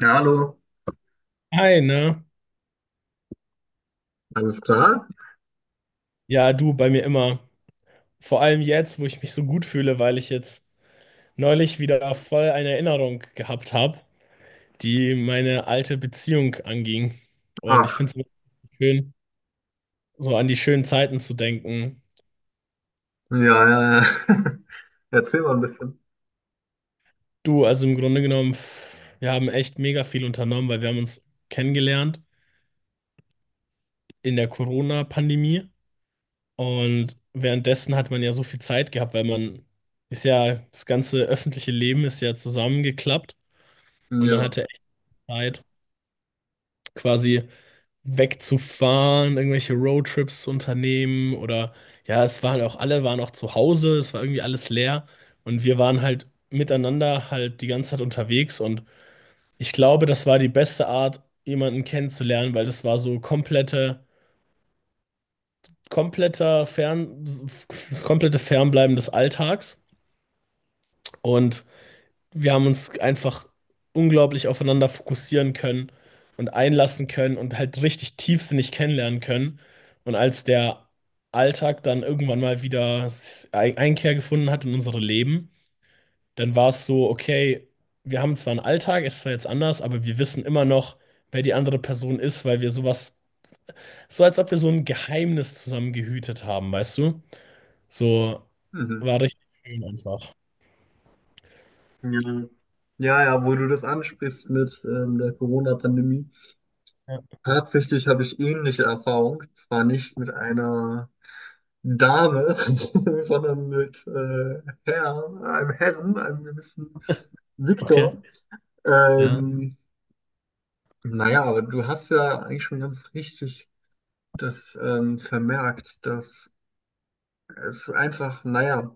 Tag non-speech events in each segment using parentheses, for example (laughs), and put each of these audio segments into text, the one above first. Ja, hallo. Hi, ne? Alles klar? Ja, du bei mir immer. Vor allem jetzt, wo ich mich so gut fühle, weil ich jetzt neulich wieder voll eine Erinnerung gehabt habe, die meine alte Beziehung anging. Und ich finde Ach, es wirklich schön, so an die schönen Zeiten zu denken. ja, ja, ja. (laughs) Erzähl mal ein bisschen. Du, also im Grunde genommen, wir haben echt mega viel unternommen, weil wir haben uns kennengelernt in der Corona-Pandemie. Und währenddessen hat man ja so viel Zeit gehabt, weil man ist ja, das ganze öffentliche Leben ist ja zusammengeklappt und man Ja. hatte echt Zeit, quasi wegzufahren, irgendwelche Roadtrips zu unternehmen oder ja, es waren auch alle waren auch zu Hause, es war irgendwie alles leer und wir waren halt miteinander halt die ganze Zeit unterwegs und ich glaube, das war die beste Art, jemanden kennenzulernen, weil das war das komplette Fernbleiben des Alltags und wir haben uns einfach unglaublich aufeinander fokussieren können und einlassen können und halt richtig tiefsinnig kennenlernen können. Und als der Alltag dann irgendwann mal wieder Einkehr gefunden hat in unsere Leben, dann war es so, okay, wir haben zwar einen Alltag, es ist zwar jetzt anders, aber wir wissen immer noch, wer die andere Person ist, weil wir sowas, so als ob wir so ein Geheimnis zusammen gehütet haben, weißt du? So Mhm. war richtig schön einfach. Ja. Ja, ja, wo du das ansprichst mit der Corona-Pandemie. Ja. Tatsächlich habe ich ähnliche Erfahrung. Zwar nicht mit einer Dame, (laughs) sondern mit einem Herrn, einem gewissen Okay, Viktor. ja. Ähm, naja, aber du hast ja eigentlich schon ganz richtig das vermerkt, dass es einfach, naja,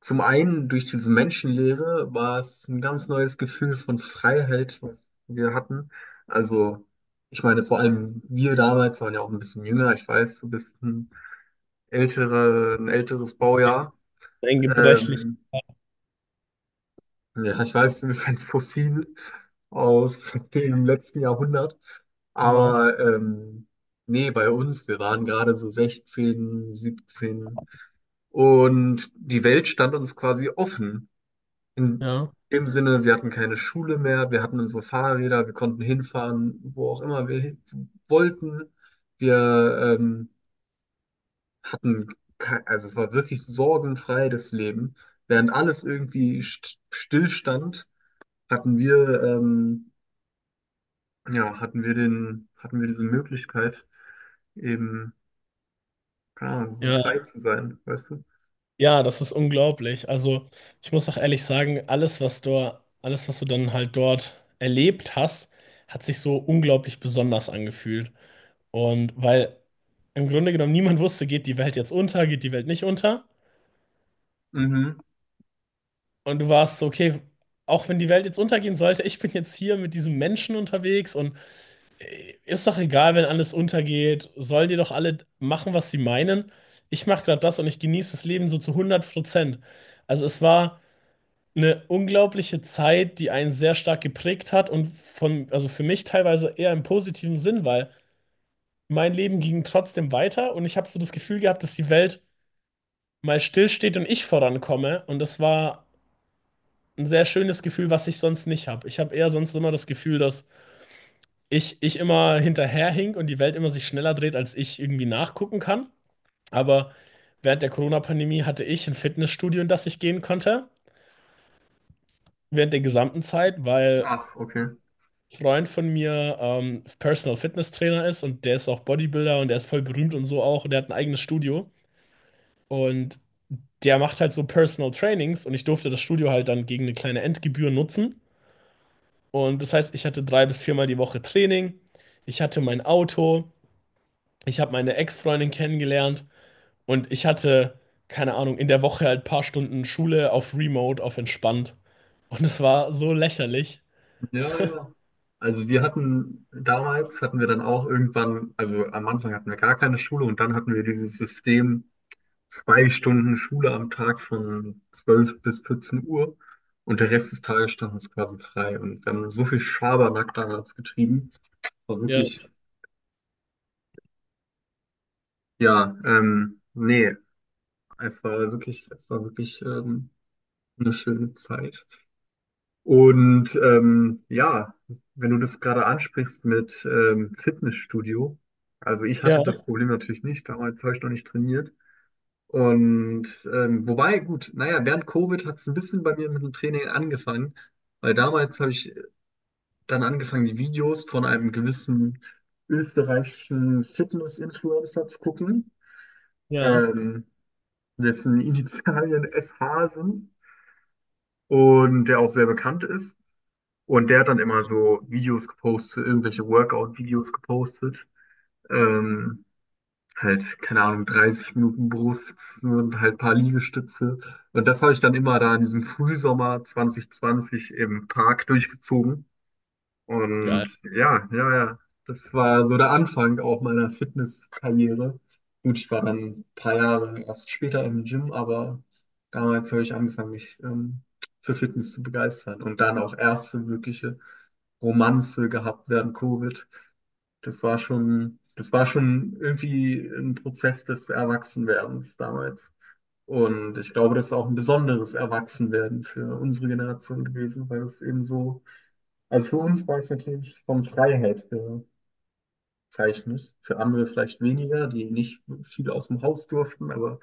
zum einen durch diese Menschenlehre war es ein ganz neues Gefühl von Freiheit, was wir hatten. Also, ich meine, vor allem wir damals waren ja auch ein bisschen jünger. Ich weiß, du bist ein älterer, ein älteres Baujahr. Ein gebrechlich, Ähm, ja, ich weiß, du bist ein Fossil aus dem letzten Jahrhundert. genau. Aber nee, bei uns, wir waren gerade so 16, 17 und die Welt stand uns quasi offen. In Ja, dem Sinne, wir hatten keine Schule mehr, wir hatten unsere Fahrräder, wir konnten hinfahren, wo auch immer wir hin wollten. Wir hatten, also es war wirklich sorgenfrei das Leben. Während alles irgendwie stillstand, hatten wir, ja, hatten wir diese Möglichkeit, eben, keine Ahnung, ja, frei zu sein, weißt du? ja, das ist unglaublich. Also, ich muss auch ehrlich sagen, alles, was du dann halt dort erlebt hast, hat sich so unglaublich besonders angefühlt. Und weil im Grunde genommen niemand wusste, geht die Welt jetzt unter, geht die Welt nicht unter. Mhm. Und du warst so, okay, auch wenn die Welt jetzt untergehen sollte, ich bin jetzt hier mit diesem Menschen unterwegs und ist doch egal, wenn alles untergeht, sollen die doch alle machen, was sie meinen. Ich mache gerade das und ich genieße das Leben so zu 100%. Also, es war eine unglaubliche Zeit, die einen sehr stark geprägt hat und von, also für mich teilweise eher im positiven Sinn, weil mein Leben ging trotzdem weiter und ich habe so das Gefühl gehabt, dass die Welt mal stillsteht und ich vorankomme und das war ein sehr schönes Gefühl, was ich sonst nicht habe. Ich habe eher sonst immer das Gefühl, dass ich immer hinterherhink und die Welt immer sich schneller dreht, als ich irgendwie nachgucken kann. Aber während der Corona-Pandemie hatte ich ein Fitnessstudio, in das ich gehen konnte, während der gesamten Zeit, weil Ach, okay. Freund von mir Personal Fitness Trainer ist und der ist auch Bodybuilder und der ist voll berühmt und so auch und der hat ein eigenes Studio und der macht halt so Personal Trainings und ich durfte das Studio halt dann gegen eine kleine Endgebühr nutzen und das heißt, ich hatte drei bis viermal die Woche Training, ich hatte mein Auto, ich habe meine Ex-Freundin kennengelernt und ich hatte, keine Ahnung, in der Woche halt ein paar Stunden Schule auf Remote, auf entspannt und es war so lächerlich. Ja, ja. Also wir hatten damals hatten wir dann auch irgendwann, also am Anfang hatten wir gar keine Schule und dann hatten wir dieses System 2 Stunden Schule am Tag von 12 bis 14 Uhr, und der Rest des Tages stand uns quasi frei, und wir haben so viel Schabernack damals getrieben, war Ja, wirklich, ja, nee, es war wirklich, eine schöne Zeit. Und ja, wenn du das gerade ansprichst mit Fitnessstudio, also ich ja, hatte das Problem natürlich nicht, damals habe ich noch nicht trainiert. Und wobei, gut, naja, während Covid hat es ein bisschen bei mir mit dem Training angefangen, weil damals habe ich dann angefangen, die Videos von einem gewissen österreichischen Fitness-Influencer zu gucken, ja, ähm, dessen Initialien SH sind und der auch sehr bekannt ist. Und der hat dann immer so Videos gepostet, irgendwelche Workout-Videos gepostet. Ähm, halt, keine Ahnung, 30 Minuten Brust und halt ein paar Liegestütze. Und das habe ich dann immer da in diesem Frühsommer 2020 im Park durchgezogen. geil. Und ja, ja, ja, das war so der Anfang auch meiner Fitnesskarriere. Gut, ich war dann ein paar Jahre erst später im Gym, aber damals habe ich angefangen, mich für Fitness zu begeistern und dann auch erste wirkliche Romanze gehabt während Covid. Das war schon irgendwie ein Prozess des Erwachsenwerdens damals. Und ich glaube, das ist auch ein besonderes Erwachsenwerden für unsere Generation gewesen, weil es eben so, also für uns war es natürlich von Freiheit gezeichnet, für andere vielleicht weniger, die nicht viel aus dem Haus durften, aber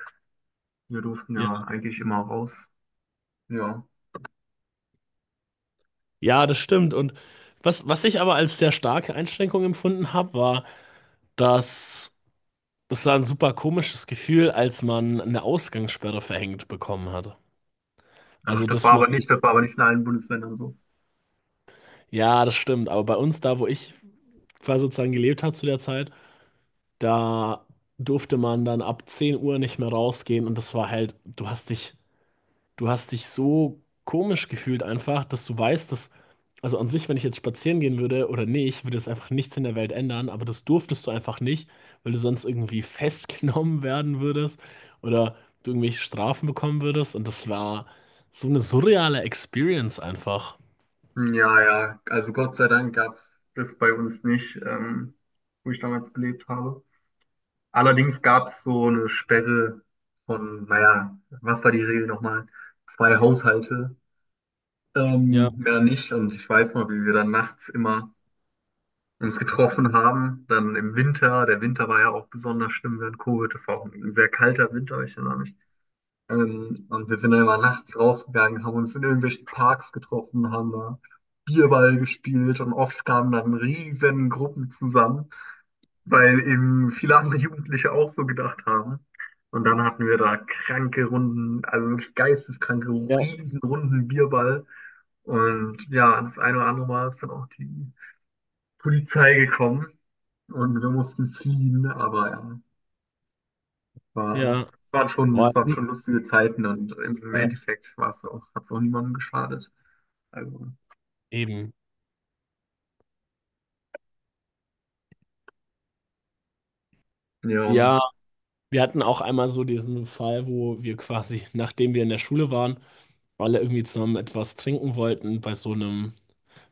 wir durften ja eigentlich immer raus. Ja. Ja, das stimmt. Und was ich aber als sehr starke Einschränkung empfunden habe, war, dass es war ein super komisches Gefühl, als man eine Ausgangssperre verhängt bekommen hatte. Ach, Also, dass man, das war aber nicht in allen Bundesländern so. ja, das stimmt. Aber bei uns, da wo ich quasi sozusagen gelebt habe zu der Zeit, da durfte man dann ab 10 Uhr nicht mehr rausgehen und das war halt, du hast dich so komisch gefühlt einfach, dass du weißt, dass, also an sich, wenn ich jetzt spazieren gehen würde oder nicht, würde es einfach nichts in der Welt ändern, aber das durftest du einfach nicht, weil du sonst irgendwie festgenommen (laughs) werden würdest oder du irgendwelche Strafen bekommen würdest und das war so eine surreale Experience einfach. Ja, ja, also Gott sei Dank gab es das bei uns nicht, wo ich damals gelebt habe. Allerdings gab es so eine Sperre von, naja, was war die Regel nochmal? 2 Haushalte, Ja, mehr nicht. Und ich weiß noch, wie wir dann nachts immer uns getroffen haben, dann im Winter. Der Winter war ja auch besonders schlimm während Covid. Das war auch ein sehr kalter Winter, ich erinnere mich. Und wir sind dann immer nachts rausgegangen, haben uns in irgendwelchen Parks getroffen, haben da Bierball gespielt, und oft kamen dann riesen Gruppen zusammen, weil eben viele andere Jugendliche auch so gedacht haben. Und dann hatten wir da kranke Runden, also wirklich geisteskranke, ja, Riesenrunden Bierball. Und ja, das eine oder andere Mal ist dann auch die Polizei gekommen und wir mussten fliehen, aber ja. War, ja. Es waren schon, Boah, es ich waren schon muss- lustige Zeiten, und im ja, Endeffekt war es auch, hat es auch niemandem geschadet. Also, eben. ja, Ja, wir hatten auch einmal so diesen Fall, wo wir quasi, nachdem wir in der Schule waren, alle irgendwie zusammen etwas trinken wollten bei so einem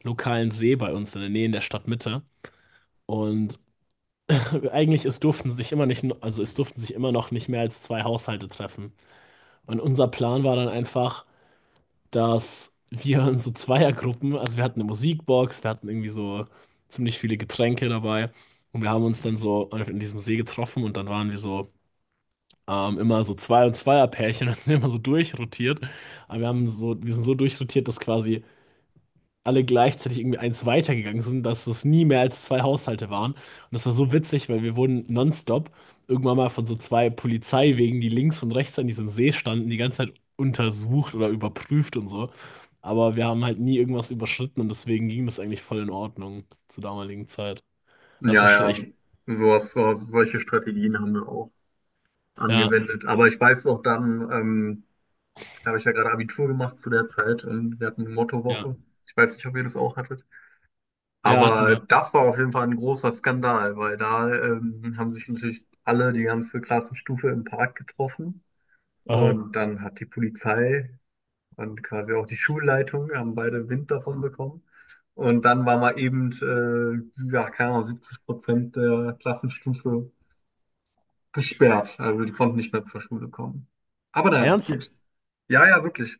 lokalen See bei uns in der Nähe in der Stadtmitte. Und (laughs) eigentlich es durften sich immer nicht, also es durften sich immer noch nicht mehr als zwei Haushalte treffen. Und unser Plan war dann einfach, dass wir in so Zweiergruppen, also wir hatten eine Musikbox, wir hatten irgendwie so ziemlich viele Getränke dabei und wir haben uns dann so in diesem See getroffen und dann waren wir so immer so Zweierpärchen, (laughs) dann sind wir immer so durchrotiert. Aber wir haben so, wir sind so durchrotiert, dass quasi alle gleichzeitig irgendwie eins weitergegangen sind, dass es nie mehr als zwei Haushalte waren. Und das war so witzig, weil wir wurden nonstop irgendwann mal von so zwei Polizeiwegen, die links und rechts an diesem See standen, die ganze Zeit untersucht oder überprüft und so. Aber wir haben halt nie irgendwas überschritten und deswegen ging das eigentlich voll in Ordnung zur damaligen Zeit. Das war schon ja, echt. ja, solche Strategien haben wir auch Ja, angewendet. Aber ich weiß noch dann, da habe ich ja gerade Abitur gemacht zu der Zeit und wir hatten eine ja, Mottowoche. Ich weiß nicht, ob ihr das auch hattet. ja, hatten Aber wir. das war auf jeden Fall ein großer Skandal, weil da haben sich natürlich alle, die ganze Klassenstufe, im Park getroffen. Aha. Und dann hat die Polizei und quasi auch die Schulleitung haben beide Wind davon bekommen. Und dann war mal eben, ja, keine Ahnung, 70% der Klassenstufe gesperrt. Also die konnten nicht mehr zur Schule kommen. Aber naja, Ernsthaft? gut. Ja, ja, wirklich.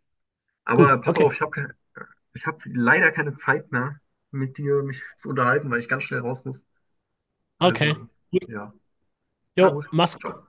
Gut, Aber pass okay, auf, ich hab leider keine Zeit mehr, mit dir mich zu unterhalten, weil ich ganz schnell raus muss. okay. Also, ja. Jo, Na gut. mach's gut. Ciao.